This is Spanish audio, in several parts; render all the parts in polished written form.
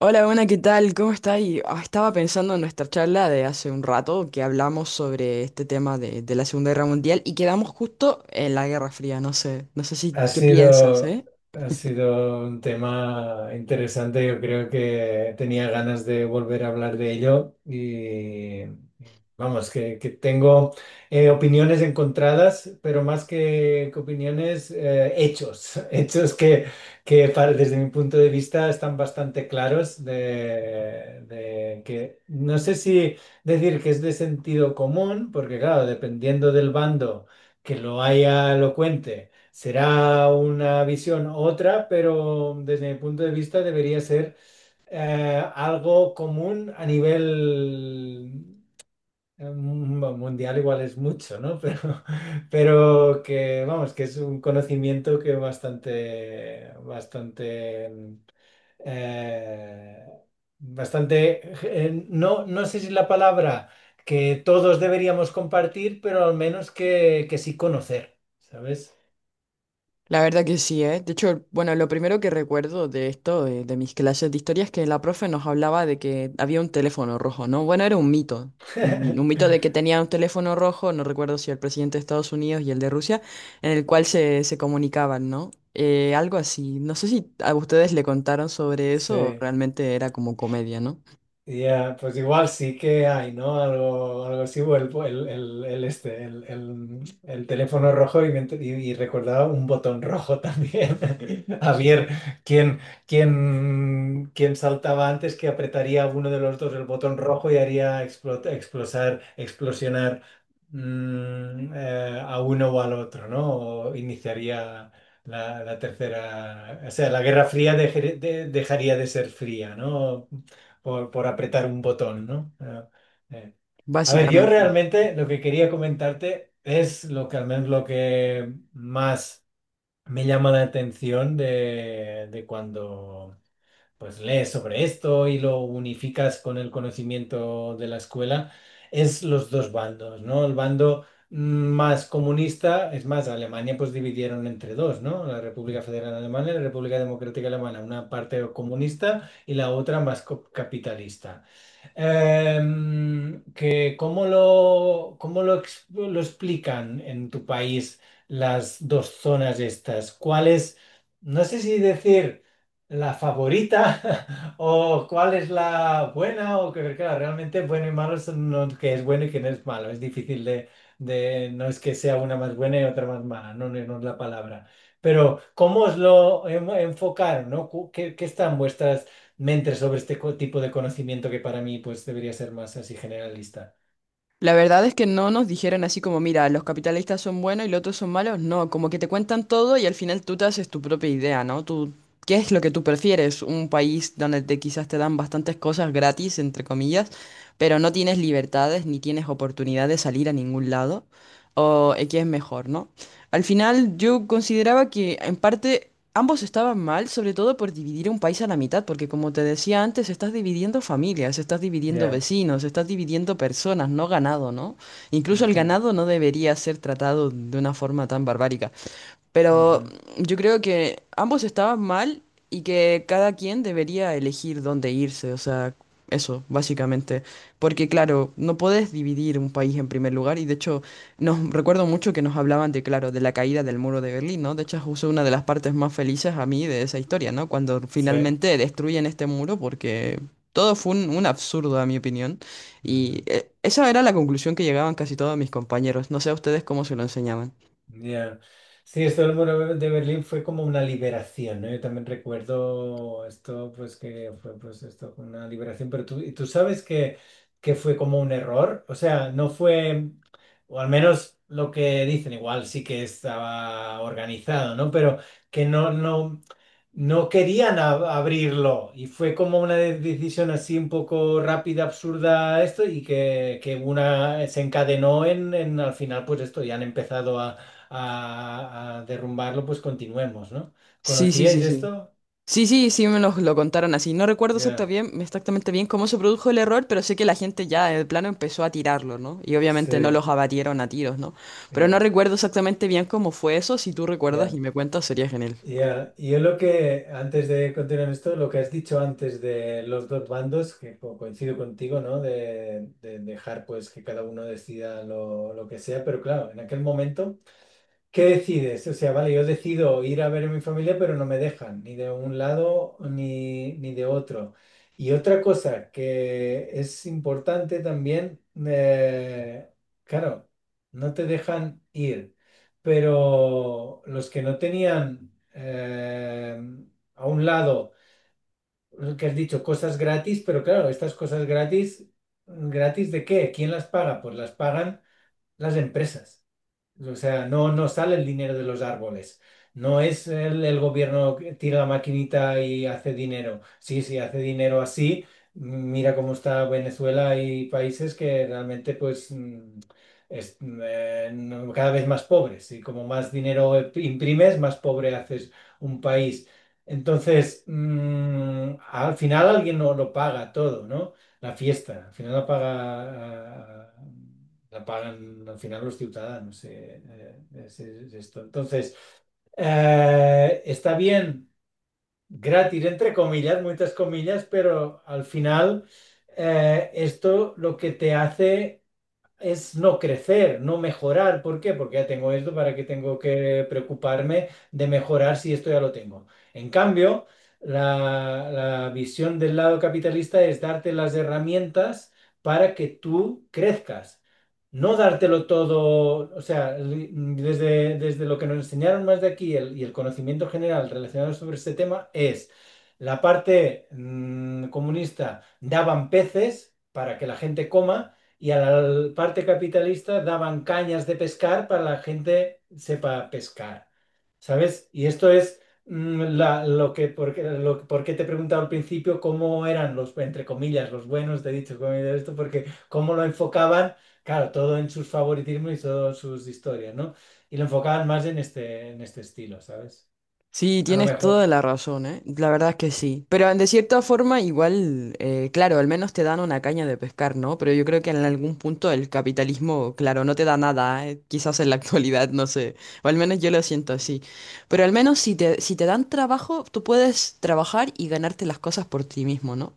Hola, buena, ¿qué tal? ¿Cómo está? Y estaba pensando en nuestra charla de hace un rato que hablamos sobre este tema de la Segunda Guerra Mundial y quedamos justo en la Guerra Fría. No sé, no sé si Ha qué piensas, sido, ¿eh? ha sido un tema interesante. Yo creo que tenía ganas de volver a hablar de ello y vamos, que tengo opiniones encontradas, pero más que opiniones, hechos, hechos que desde mi punto de vista están bastante claros de que no sé si decir que es de sentido común, porque claro, dependiendo del bando que lo haya elocuente, será una visión otra, pero desde mi punto de vista debería ser algo común a nivel mundial, igual es mucho, ¿no? Pero vamos, que es un conocimiento que eh, bastante, no, no sé si la palabra que todos deberíamos compartir, pero al menos que sí conocer, ¿sabes? La verdad que sí, ¿eh? De hecho, bueno, lo primero que recuerdo de esto, de mis clases de historia, es que la profe nos hablaba de que había un teléfono rojo, ¿no? Bueno, era un mito. Un mito de que tenía un teléfono rojo, no recuerdo si el presidente de Estados Unidos y el de Rusia, en el cual se comunicaban, ¿no? Algo así. No sé si a ustedes le contaron sobre Sí, eso o realmente era como comedia, ¿no? ya, pues igual sí que hay, ¿no? Algo, algo así, o el este, el teléfono rojo y, y recordaba un botón rojo también. A ver, ¿quién, quién saltaba antes, que apretaría uno de los dos el botón rojo y haría explosionar, a uno o al otro, ¿no? O iniciaría la tercera, o sea, la Guerra Fría dejaría de ser fría, ¿no? Por por, apretar un botón, ¿no? Eh. A ver, yo Básicamente. realmente lo que quería comentarte es lo que, al menos, lo que más me llama la atención de cuando pues lees sobre esto y lo unificas con el conocimiento de la escuela, es los dos bandos, ¿no? El bando más comunista. Es más, Alemania pues dividieron entre dos, ¿no? La República Federal Alemana y la República Democrática Alemana, una parte comunista y la otra más capitalista. Que lo explican en tu país las dos zonas estas. ¿Cuál es, no sé si decir, la favorita o cuál es la buena? O que claro, realmente bueno y malo son no, que es bueno y que no es malo. Es difícil de no es que sea una más buena y otra más mala, no, no, no es la palabra. Pero ¿cómo os lo enfocaron, no? ¿ qué están vuestras, me entre, sobre este tipo de conocimiento que para mí pues debería ser más así generalista. La verdad es que no nos dijeron así como, mira, los capitalistas son buenos y los otros son malos. No, como que te cuentan todo y al final tú te haces tu propia idea, ¿no? Tú, ¿qué es lo que tú prefieres? Un país donde te, quizás te dan bastantes cosas gratis, entre comillas, pero no tienes libertades ni tienes oportunidad de salir a ningún lado. ¿O qué es mejor, no? Al final yo consideraba que en parte ambos estaban mal, sobre todo por dividir un país a la mitad, porque como te decía antes, estás dividiendo familias, estás dividiendo Ya. vecinos, estás dividiendo personas, no ganado, ¿no? Incluso el Ujú, ganado no debería ser tratado de una forma tan barbárica. Pero ujú. yo creo que ambos estaban mal y que cada quien debería elegir dónde irse, o sea, eso, básicamente. Porque claro, no podés dividir un país en primer lugar y de hecho, nos recuerdo mucho que nos hablaban de, claro, de la caída del muro de Berlín, ¿no? De hecho, es justo una de las partes más felices a mí de esa historia, ¿no? Cuando Sí. finalmente destruyen este muro porque… Todo fue un absurdo, a mi opinión. Y Ujú. Esa era la conclusión que llegaban casi todos mis compañeros. No sé a ustedes cómo se lo enseñaban. Ya. Sí, esto del muro de Berlín fue como una liberación, ¿no? Yo también recuerdo esto, pues que fue pues esto, una liberación, pero tú, y tú sabes que fue como un error. O sea, no fue, o al menos lo que dicen, igual sí que estaba organizado, ¿no? Pero que no querían abrirlo, y fue como una decisión así un poco rápida, absurda, esto, y que una se encadenó en, al final, pues esto, ya han empezado a derrumbarlo, pues continuemos, ¿no? Sí, sí, sí, ¿Conocíais sí. esto? Sí, sí, sí, me los lo contaron así. No recuerdo Ya, exactamente bien cómo se produjo el error, pero sé que la gente ya en plano empezó a tirarlo, ¿no? Y obviamente no sí, los abatieron a tiros, ¿no? Pero no ya, recuerdo exactamente bien cómo fue eso. Si tú recuerdas ya, y me cuentas, sería genial. ya. Y yo lo que, antes de continuar esto, lo que has dicho antes de los dos bandos, que coincido contigo, ¿no? De dejar pues que cada uno decida lo que sea, pero claro, en aquel momento… ¿Qué decides? O sea, vale, yo decido ir a ver a mi familia, pero no me dejan, ni de un lado ni de otro. Y otra cosa que es importante también, eh, claro, no te dejan ir, pero los que no tenían a un lado, lo que has dicho, cosas gratis. Pero claro, estas cosas gratis, ¿gratis de qué? ¿Quién las paga? Pues las pagan las empresas. O sea, no, no sale el dinero de los árboles. No es el gobierno que tira la maquinita y hace dinero. Sí, sí, hace dinero así. Mira cómo está Venezuela y países que realmente, pues, mm, es, mm, no- cada vez más pobres. Y como más dinero imprimes, más pobre haces un país. Entonces, al final alguien no lo paga todo, ¿no? La fiesta, al final la paga, la pagan al final los ciudadanos. Es esto. Entonces, está bien, gratis, entre comillas, muchas comillas, pero al final esto lo que te hace es no crecer, no mejorar. ¿Por qué? Porque ya tengo esto. ¿Para qué tengo que preocuparme de mejorar si esto ya lo tengo? En cambio, la visión del lado capitalista es darte las herramientas para que tú crezcas. No dártelo todo. O sea, desde, desde lo que nos enseñaron más de aquí, el conocimiento general relacionado sobre este tema es la parte comunista daban peces para que la gente coma, y a la parte capitalista daban cañas de pescar para que la gente sepa pescar, ¿sabes? Y esto es lo que, porque, lo, por qué te he preguntado al principio cómo eran los, entre comillas, los buenos, te he dicho, comillas, esto, porque cómo lo enfocaban, claro, todo en sus favoritismos y todas sus historias, ¿no? Y lo enfocaban más en en este estilo, ¿sabes? Sí, A lo tienes mejor, toda la razón, ¿eh? La verdad es que sí. Pero de cierta forma, igual, claro, al menos te dan una caña de pescar, ¿no? Pero yo creo que en algún punto el capitalismo, claro, no te da nada, ¿eh? Quizás en la actualidad, no sé. O al menos yo lo siento así. Pero al menos si te dan trabajo, tú puedes trabajar y ganarte las cosas por ti mismo, ¿no?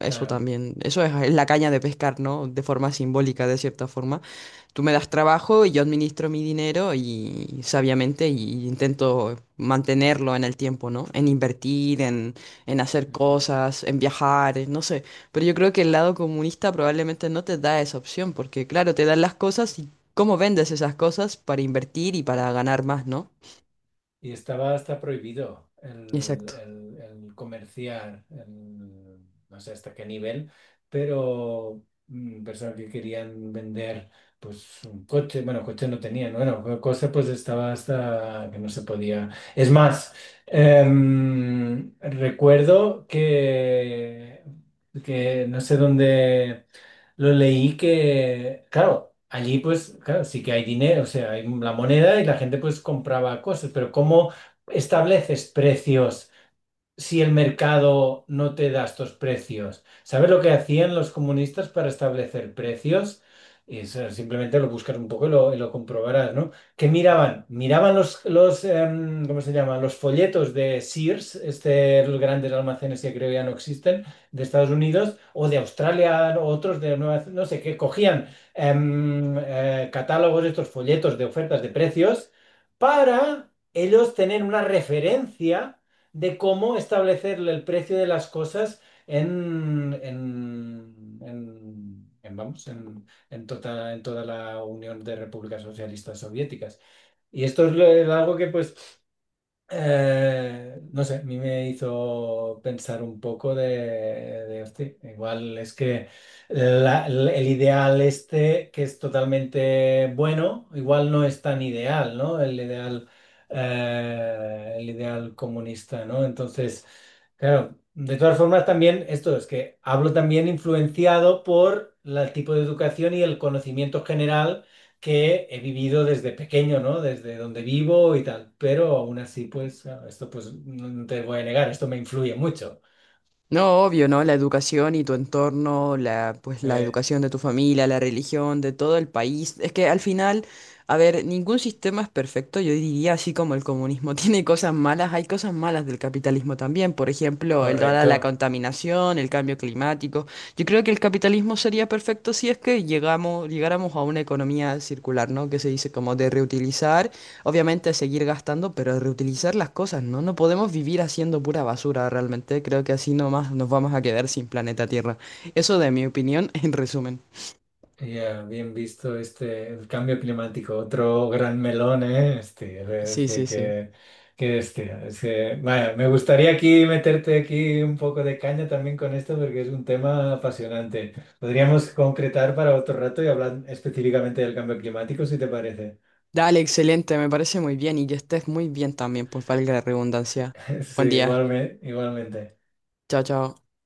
Eso claro. también. Eso es la caña de pescar, ¿no? De forma simbólica, de cierta forma. Tú me das trabajo y yo administro mi dinero y sabiamente y intento mantenerlo en el tiempo, ¿no? En invertir, en hacer Ujú. cosas, en viajar, no sé. Pero yo creo que el lado comunista probablemente no te da esa opción, porque claro, te dan las cosas y cómo vendes esas cosas para invertir y para ganar más, ¿no? Y estaba hasta prohibido Exacto. El comerciar, no sé hasta qué nivel, pero personas que querían vender pues un coche, bueno, coche no tenían, bueno, cosa pues estaba, hasta que no se podía. Es más, recuerdo que no sé dónde lo leí, que, claro, allí pues, claro, sí que hay dinero, o sea, hay la moneda y la gente pues compraba cosas, pero ¿cómo estableces precios si el mercado no te da estos precios? ¿Sabes lo que hacían los comunistas para establecer precios? Eso simplemente lo buscas un poco y y lo comprobarás, ¿no? ¿Qué miraban? Miraban ¿cómo se llama? Los folletos de Sears, este, los grandes almacenes que creo que ya no existen, de Estados Unidos, o de Australia, o otros de Nueva Zelanda, no sé qué. Cogían catálogos, estos folletos de ofertas de precios, para ellos tener una referencia de cómo establecerle el precio de las cosas en, vamos, en toda la Unión de Repúblicas Socialistas Soviéticas. Y esto es algo que pues no sé, a mí me hizo pensar un poco de, "Hosti, igual es que la- el ideal este, que es totalmente bueno, igual no es tan ideal, ¿no? El ideal comunista, ¿no? Entonces… Claro, de todas formas, también esto es que hablo también influenciado por el tipo de educación y el conocimiento general que he vivido desde pequeño, ¿no? Desde donde vivo y tal. Pero aún así, pues, claro, esto pues no, no te voy a negar, esto me influye mucho. No, obvio, ¿no? La educación y tu entorno, la, pues la Eh, educación de tu familia, la religión, de todo el país. Es que al final, a ver, ningún sistema es perfecto. Yo diría, así como el comunismo tiene cosas malas, hay cosas malas del capitalismo también. Por ejemplo, el toda la Correcto. contaminación, el cambio climático. Yo creo que el capitalismo sería perfecto si es que llegáramos a una economía circular, ¿no? Que se dice como de reutilizar. Obviamente seguir gastando, pero reutilizar las cosas, ¿no? No podemos vivir haciendo pura basura realmente. Creo que así nomás nos vamos a quedar sin planeta Tierra. Eso de mi opinión, en resumen. Ya, bien visto este, el cambio climático, otro gran melón, ¿eh? Este, a ver, Sí, sí, sí. Es que, vaya, me gustaría aquí meterte aquí un poco de caña también con esto porque es un tema apasionante. Podríamos concretar para otro rato y hablar específicamente del cambio climático, si te parece. Dale, excelente, me parece muy bien y que estés muy bien también, pues valga la redundancia. Sí, Buen día. igualmente, igualmente. Chao, chao.